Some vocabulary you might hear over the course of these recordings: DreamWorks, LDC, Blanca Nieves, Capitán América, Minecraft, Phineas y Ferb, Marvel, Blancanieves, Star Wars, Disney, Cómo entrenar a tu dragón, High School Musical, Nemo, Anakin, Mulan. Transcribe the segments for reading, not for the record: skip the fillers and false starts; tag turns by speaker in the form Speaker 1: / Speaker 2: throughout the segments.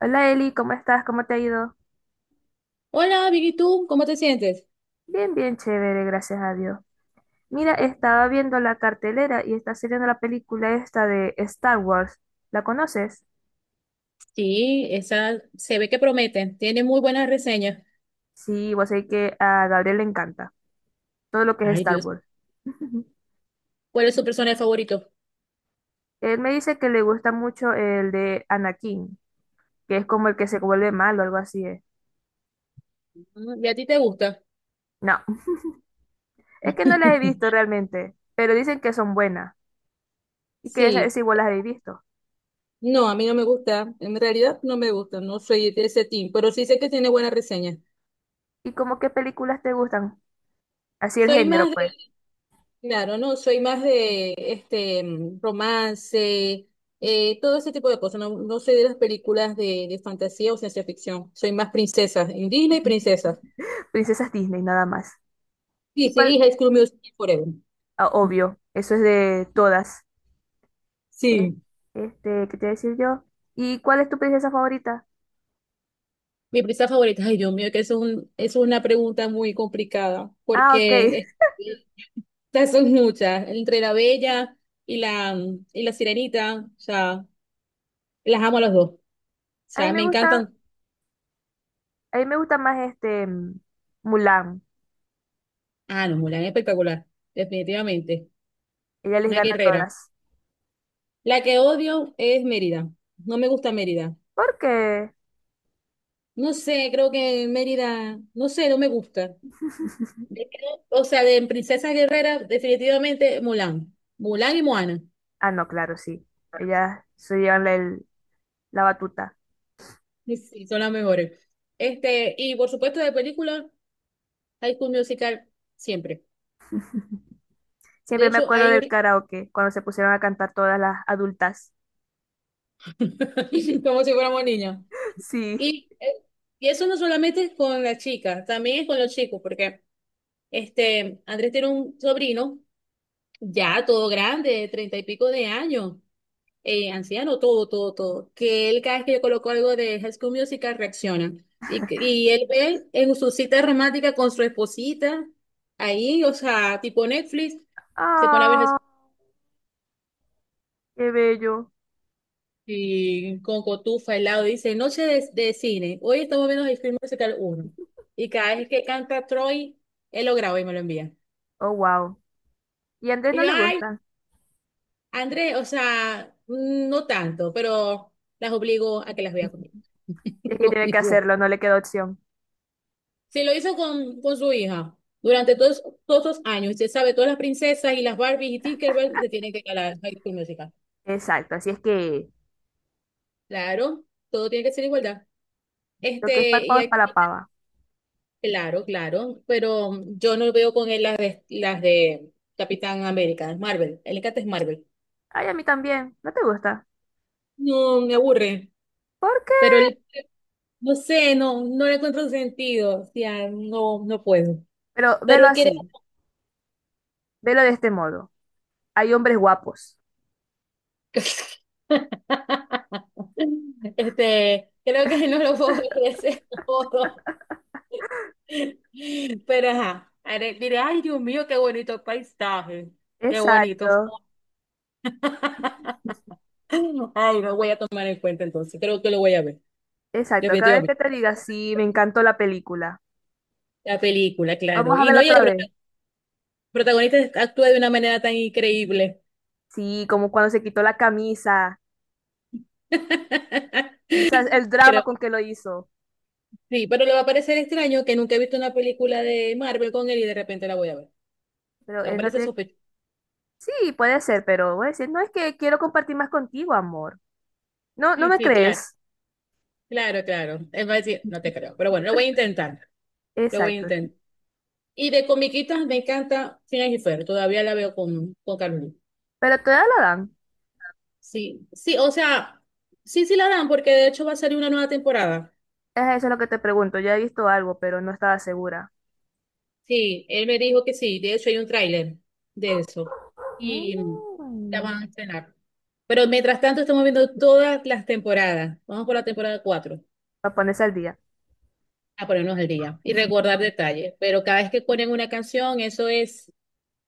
Speaker 1: Hola Eli, ¿cómo estás? ¿Cómo te ha ido?
Speaker 2: Hola, bien, ¿y tú? ¿Cómo te sientes?
Speaker 1: Bien, bien chévere, gracias a Dios. Mira, estaba viendo la cartelera y está saliendo la película esta de Star Wars. ¿La conoces?
Speaker 2: Sí, esa se ve que promete, tiene muy buenas reseñas.
Speaker 1: Sí, vos sabés que a Gabriel le encanta todo lo que es
Speaker 2: Ay,
Speaker 1: Star
Speaker 2: Dios,
Speaker 1: Wars.
Speaker 2: ¿cuál es su personaje favorito?
Speaker 1: Él me dice que le gusta mucho el de Anakin, que es como el que se vuelve malo, algo así es.
Speaker 2: Mm, ¿y a ti te gusta?
Speaker 1: No, es que no las he visto realmente, pero dicen que son buenas y que esas
Speaker 2: Sí,
Speaker 1: igual las he visto.
Speaker 2: no, a mí no me gusta, en realidad no me gusta, no soy de ese team, pero sí sé que tiene buenas reseñas.
Speaker 1: ¿Y como qué películas te gustan? Así el
Speaker 2: Soy
Speaker 1: género,
Speaker 2: más de,
Speaker 1: pues.
Speaker 2: claro, no, soy más de romance, todo ese tipo de cosas, no, no soy de las películas de fantasía o ciencia ficción, soy más princesas, en Disney princesas.
Speaker 1: Princesas Disney, nada más.
Speaker 2: Sí,
Speaker 1: ¿Y
Speaker 2: sí,
Speaker 1: cuál?
Speaker 2: y High School Musical Forever.
Speaker 1: Ah, obvio, eso es de todas. Eh,
Speaker 2: Sí.
Speaker 1: ¿Qué te voy a decir yo? ¿Y cuál es tu princesa favorita?
Speaker 2: Mi prisa favorita, ay Dios mío, es una pregunta muy complicada,
Speaker 1: Ah, ok.
Speaker 2: porque estas son muchas, entre la Bella y la, y la Sirenita, o sea, las amo a las dos, o
Speaker 1: A mí
Speaker 2: sea,
Speaker 1: me
Speaker 2: me
Speaker 1: gusta,
Speaker 2: encantan.
Speaker 1: a mí me gusta más Mulan.
Speaker 2: Ah, no, Mulan es espectacular, definitivamente,
Speaker 1: Ella les
Speaker 2: una
Speaker 1: gana a
Speaker 2: guerrera.
Speaker 1: todas.
Speaker 2: La que odio es Mérida, no me gusta Mérida,
Speaker 1: ¿Por qué?
Speaker 2: no sé, creo que Mérida, no sé, no me gusta. De- O sea, de princesa guerrera, definitivamente Mulan, Mulan y Moana.
Speaker 1: Ah, no, claro, sí. Ellas se llevan la batuta.
Speaker 2: Sí, sí, son las mejores. Este, y por supuesto de película, High School Musical siempre. De
Speaker 1: Siempre me
Speaker 2: hecho,
Speaker 1: acuerdo
Speaker 2: hay
Speaker 1: del
Speaker 2: un...
Speaker 1: karaoke, cuando se pusieron a cantar todas las adultas.
Speaker 2: como si fuéramos niños.
Speaker 1: Sí.
Speaker 2: Y, eh, y eso no solamente es con las chicas, también es con los chicos, porque este, Andrés tiene un sobrino ya todo grande, de treinta y pico de años. Anciano, todo, todo, todo, que él cada vez que yo coloco algo de High School Musical reacciona. Y él ve en su cita romántica con su esposita, ahí, o sea, tipo Netflix, se pone a ver
Speaker 1: Ah, qué bello.
Speaker 2: Y con cotufa al lado, dice, noche de cine, hoy estamos viendo High School Musical uno. Y cada vez que canta Troy, él lo graba y me lo envía.
Speaker 1: Oh, wow. ¿Y a Andrés
Speaker 2: Y
Speaker 1: no
Speaker 2: yo,
Speaker 1: le
Speaker 2: ay,
Speaker 1: gusta?
Speaker 2: Andrés, o sea, no tanto, pero las obligo a que las vea conmigo.
Speaker 1: Es que
Speaker 2: Los
Speaker 1: tiene que
Speaker 2: obligo.
Speaker 1: hacerlo, no le queda opción.
Speaker 2: Sí, lo hizo con su hija durante todos esos años. Usted sabe, todas las princesas y las Barbies y Tinkerbell se tienen que ir a la High School Musical.
Speaker 1: Exacto, así es que
Speaker 2: Claro, todo tiene que ser igualdad.
Speaker 1: lo que es para el
Speaker 2: Este, y
Speaker 1: pavo es para la
Speaker 2: aquí,
Speaker 1: pava.
Speaker 2: claro, claro, pero yo no veo con él las de Capitán América, Marvel. Él le encanta es Marvel.
Speaker 1: Ay, a mí también, no te gusta.
Speaker 2: No, me aburre,
Speaker 1: ¿Por qué?
Speaker 2: pero él, no sé, no, no le encuentro sentido. O sea, no, no puedo.
Speaker 1: Pero
Speaker 2: Pero
Speaker 1: velo
Speaker 2: él quiere.
Speaker 1: así, velo de este modo. Hay hombres guapos.
Speaker 2: Este, creo que no lo puedo ver de ese modo. Pero ajá, diré, ay Dios mío, qué bonito paisaje, qué bonito.
Speaker 1: Exacto,
Speaker 2: Ay, lo voy a tomar en cuenta entonces, creo que lo voy a ver,
Speaker 1: exacto. Cada vez que
Speaker 2: definitivamente.
Speaker 1: te diga, sí, me encantó la película.
Speaker 2: La película,
Speaker 1: Vamos
Speaker 2: claro.
Speaker 1: a
Speaker 2: Y
Speaker 1: verla
Speaker 2: no, y el
Speaker 1: otra vez.
Speaker 2: protagonista actúa de una manera tan increíble.
Speaker 1: Sí, como cuando se quitó la camisa. O sea, el drama
Speaker 2: Creo
Speaker 1: con
Speaker 2: que
Speaker 1: que lo hizo.
Speaker 2: sí, pero le va a parecer extraño que nunca he visto una película de Marvel con él y de repente la voy a ver.
Speaker 1: Pero
Speaker 2: O
Speaker 1: él no
Speaker 2: parece
Speaker 1: tiene...
Speaker 2: sospechoso.
Speaker 1: Sí, puede ser, pero voy a decir, no, es que quiero compartir más contigo, amor. No, no
Speaker 2: Sí,
Speaker 1: me
Speaker 2: sí, claro,
Speaker 1: crees.
Speaker 2: claro, claro. Él va a decir, no te creo. Pero bueno, lo voy a intentar. Lo voy a
Speaker 1: Exacto, sí.
Speaker 2: intentar. Y de comiquitas me encanta Phineas y Ferb. Todavía la veo con Carmen.
Speaker 1: Pero todavía la dan.
Speaker 2: Sí, sí, o sea, sí, sí la dan, porque de hecho va a salir una nueva temporada.
Speaker 1: Es eso lo que te pregunto. Ya he visto algo, pero no estaba segura.
Speaker 2: Sí, él me dijo que sí. De hecho, hay un tráiler de eso. Y mm, la
Speaker 1: Mm.
Speaker 2: van a estrenar. Pero mientras tanto, estamos viendo todas las temporadas. Vamos por la temporada 4
Speaker 1: Para ponerse al día.
Speaker 2: a ponernos al día y recordar detalles. Pero cada vez que ponen una canción, eso es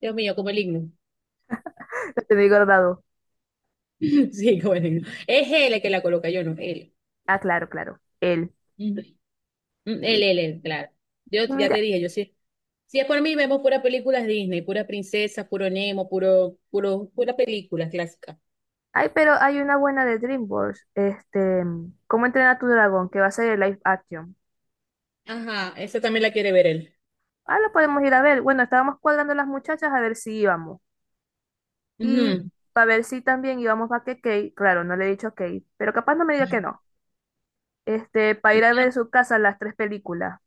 Speaker 2: Dios mío, como el himno.
Speaker 1: Lo tenía guardado.
Speaker 2: Sí, como el himno. Es él el que la coloca, yo no, él.
Speaker 1: Ah, claro, claro. Él.
Speaker 2: Ujú. Mm, Él,
Speaker 1: Mira,
Speaker 2: él, él, claro. Yo
Speaker 1: y
Speaker 2: ya te
Speaker 1: mira.
Speaker 2: dije, yo sí. Si es por mí, vemos puras películas Disney, pura princesa, puro Nemo, puro, puro, pura película clásica.
Speaker 1: Ay, pero hay una buena de DreamWorks. Este, ¿cómo entrenar a tu dragón? Que va a ser el live action.
Speaker 2: Ajá, esa también la quiere ver él.
Speaker 1: Ah, lo podemos ir a ver. Bueno, estábamos cuadrando las muchachas a ver si íbamos. Y
Speaker 2: Ujú.
Speaker 1: para ver si también íbamos a que Kate. Claro, no le he dicho a Kate. Pero capaz no me diga que no. Este, para
Speaker 2: No
Speaker 1: ir a
Speaker 2: quiero-
Speaker 1: ver su casa las tres películas.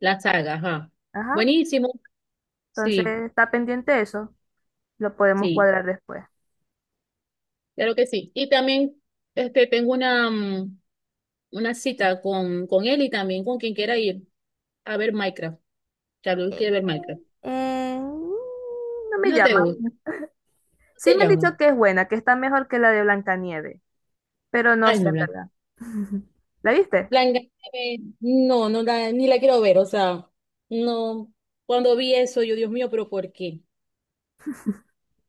Speaker 2: La saga, ajá.
Speaker 1: Ajá.
Speaker 2: Buenísimo.
Speaker 1: Entonces,
Speaker 2: Sí,
Speaker 1: está pendiente eso. Lo podemos
Speaker 2: sí,
Speaker 1: cuadrar después.
Speaker 2: claro que sí. Y también este, tengo una, una cita con él y también con quien quiera ir a ver Minecraft. Charlie
Speaker 1: Eh,
Speaker 2: quiere ver Minecraft.
Speaker 1: no me
Speaker 2: No te
Speaker 1: llama.
Speaker 2: gusta.
Speaker 1: Sí
Speaker 2: Te
Speaker 1: me han
Speaker 2: llamo.
Speaker 1: dicho que es buena, que está mejor que la de Blancanieves, pero no
Speaker 2: Ay,
Speaker 1: sé
Speaker 2: no,
Speaker 1: en
Speaker 2: Blanca.
Speaker 1: verdad. ¿La viste?
Speaker 2: Blanca, no, ni la quiero ver. O sea, no. Cuando vi eso, yo, Dios mío, pero ¿por qué?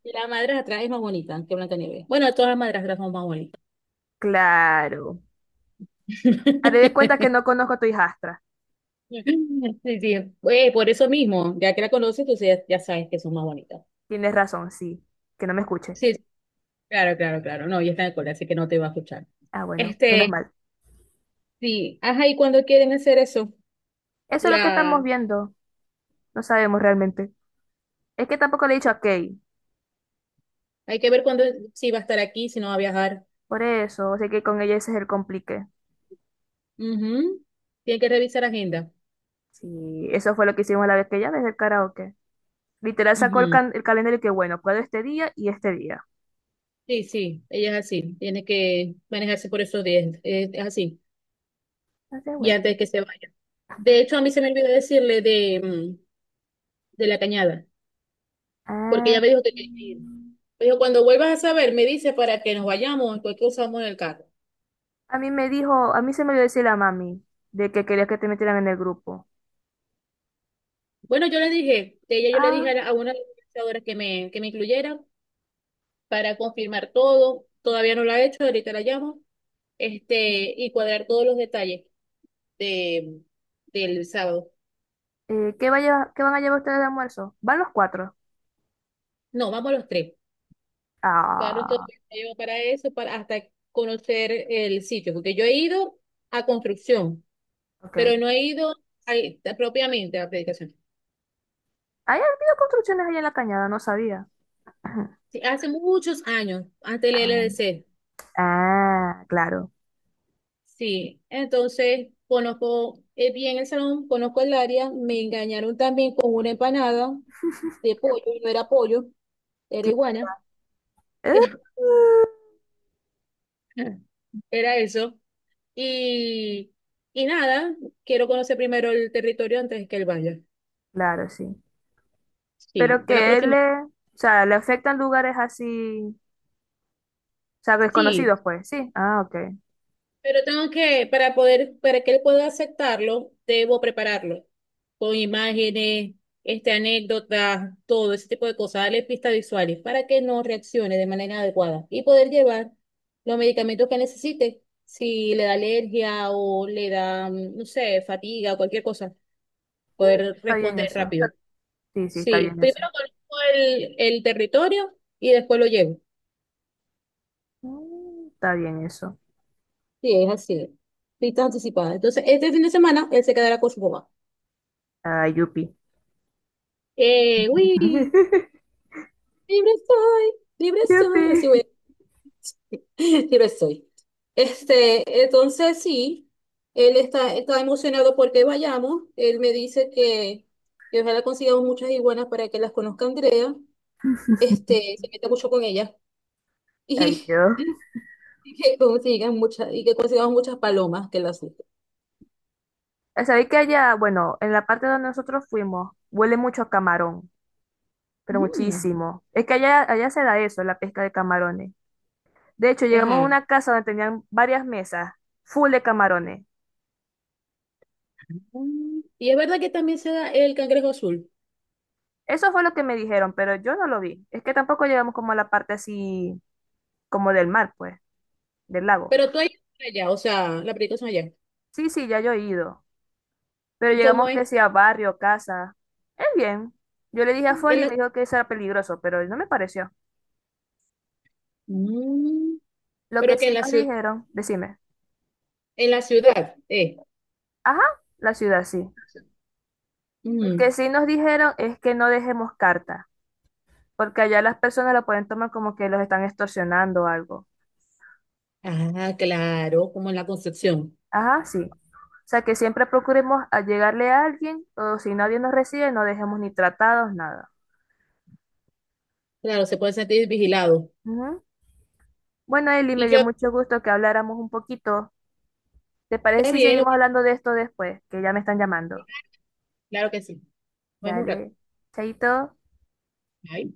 Speaker 2: La madrastra es más bonita que Blanca Nieves. Bueno, todas las madrastras son más bonitas.
Speaker 1: Claro. Haré de cuenta que no conozco a tu hijastra.
Speaker 2: Sí, sí. Por eso mismo, ya que la conoces, tú ya, ya sabes que son más bonitas.
Speaker 1: Tienes razón, sí. Que no me escuche.
Speaker 2: Sí, sí, claro, claro, claro. No, ya está en el cole, así que no te va a escuchar.
Speaker 1: Ah, bueno, menos
Speaker 2: Este,
Speaker 1: mal.
Speaker 2: sí. Ajá, ¿y cuando quieren hacer eso?
Speaker 1: Eso es lo que estamos
Speaker 2: La,
Speaker 1: viendo. No sabemos realmente. Es que tampoco le he dicho a Kay.
Speaker 2: hay que ver cuándo, si va a estar aquí, si no va a viajar.
Speaker 1: Por eso, sé que con ella ese es el complique.
Speaker 2: Ujú. Tiene que revisar agenda.
Speaker 1: Sí, eso fue lo que hicimos la vez que ella desde el karaoke. Literal sacó
Speaker 2: Ujú.
Speaker 1: el calendario y que bueno, puedo este día y este día.
Speaker 2: Sí, sí, ella es así. Tiene que manejarse por esos días. Es así.
Speaker 1: No sé,
Speaker 2: Y
Speaker 1: bueno.
Speaker 2: antes de que se vaya. De hecho, a mí se me olvidó decirle de la cañada, porque
Speaker 1: Ah,
Speaker 2: ella me dijo que tenía que ir.
Speaker 1: mm.
Speaker 2: Me dijo, cuando vuelvas a saber, me dice para que nos vayamos, porque usamos en el carro.
Speaker 1: A mí me dijo, a mí se me dio decir la mami de que quería que te metieran en el grupo.
Speaker 2: Bueno, yo le dije, de ella yo le
Speaker 1: Ah,
Speaker 2: dije a una de las organizadoras que me incluyera para confirmar todo. Todavía no lo ha hecho, ahorita la llamo. Este, y cuadrar todos los detalles de, del sábado.
Speaker 1: ¿qué va a qué van a llevar ustedes de almuerzo? Van los cuatro.
Speaker 2: No, vamos los tres. Claro, todo
Speaker 1: Ah,
Speaker 2: me llevo para eso, para hasta conocer el sitio, porque yo he ido a construcción,
Speaker 1: ok. Hay
Speaker 2: pero no he ido propiamente a la predicación.
Speaker 1: habido construcciones allá en la cañada, no sabía.
Speaker 2: Sí, hace muchos años, antes del
Speaker 1: Ah,
Speaker 2: LDC.
Speaker 1: ah, claro.
Speaker 2: Sí, entonces conozco bien el salón, conozco el área, me engañaron también con una empanada de pollo, y no era pollo, era
Speaker 1: Que-
Speaker 2: iguana,
Speaker 1: eh,
Speaker 2: pero
Speaker 1: eh,
Speaker 2: era eso. Y, y nada, quiero conocer primero el territorio antes que el vaya.
Speaker 1: Claro, sí.
Speaker 2: Sí,
Speaker 1: Pero
Speaker 2: de la
Speaker 1: que él
Speaker 2: próxima.
Speaker 1: le, o sea, le afectan lugares así, o sea,
Speaker 2: Sí,
Speaker 1: desconocidos, pues, sí. Ah, ok.
Speaker 2: pero tengo que, para poder, para que él pueda aceptarlo, debo prepararlo con imágenes, este, anécdotas, todo ese tipo de cosas, darle pistas visuales para que no reaccione de manera adecuada y poder llevar los medicamentos que necesite. Si le da alergia o le da, no sé, fatiga o cualquier cosa,
Speaker 1: Mm,
Speaker 2: poder
Speaker 1: está bien
Speaker 2: responder
Speaker 1: eso.
Speaker 2: rápido.
Speaker 1: Sí, sí, está
Speaker 2: Sí,
Speaker 1: bien eso.
Speaker 2: primero conozco el territorio y después lo llevo.
Speaker 1: Mm, está bien eso.
Speaker 2: Sí, es así. Citas anticipadas. Entonces, este fin de semana él se quedará con su mamá.
Speaker 1: Ah, yupi.
Speaker 2: Eh, uy, Libre soy, libre
Speaker 1: Yupi.
Speaker 2: soy, así voy. Libre soy. Este, entonces sí, está emocionado porque vayamos. Él me dice que ojalá consigamos muchas iguanas para que las conozca Andrea. Este, se meta mucho con ella.
Speaker 1: Ay,
Speaker 2: Y,
Speaker 1: yo.
Speaker 2: y que consigan muchas, y que consigamos muchas palomas que las.
Speaker 1: Sabéis que allá, bueno, en la parte donde nosotros fuimos, huele mucho a camarón, pero
Speaker 2: Mm.
Speaker 1: muchísimo. Es que allá se da eso, la pesca de camarones. De hecho, llegamos a
Speaker 2: Ajá.
Speaker 1: una casa donde tenían varias mesas, full de camarones.
Speaker 2: Mm, y es verdad que también se da el cangrejo azul.
Speaker 1: Eso fue lo que me dijeron, pero yo no lo vi. Es que tampoco llegamos como a la parte así, como del mar, pues, del lago.
Speaker 2: Pero tú ahí allá, o sea, la película es allá.
Speaker 1: Sí, sí, ya yo he ido. Pero
Speaker 2: ¿Cómo
Speaker 1: llegamos que
Speaker 2: es?
Speaker 1: sea barrio, casa. Es bien. Yo le dije a
Speaker 2: En
Speaker 1: Folly y
Speaker 2: la...
Speaker 1: me dijo que eso era peligroso, pero no me pareció.
Speaker 2: Mm,
Speaker 1: Lo que
Speaker 2: pero que
Speaker 1: sí nos dijeron, decime,
Speaker 2: en la ciudad, eh.
Speaker 1: ajá, la ciudad sí. Lo que
Speaker 2: Mm.
Speaker 1: sí nos dijeron es que no dejemos carta, porque allá las personas lo pueden tomar como que los están extorsionando o algo.
Speaker 2: Ah, claro, como en la Concepción.
Speaker 1: Ajá, sí. O sea que siempre procuremos a llegarle a alguien, o si nadie nos recibe, no dejemos ni tratados, nada.
Speaker 2: Claro, se puede sentir vigilado.
Speaker 1: Ujú. Bueno, Eli, me
Speaker 2: Y
Speaker 1: dio
Speaker 2: yo,
Speaker 1: mucho gusto que habláramos un poquito. ¿Te
Speaker 2: está
Speaker 1: parece si
Speaker 2: bien,
Speaker 1: seguimos hablando de esto después? Que ya me están llamando.
Speaker 2: claro que sí. Vamos un rato.
Speaker 1: Dale, chaito.
Speaker 2: Ay.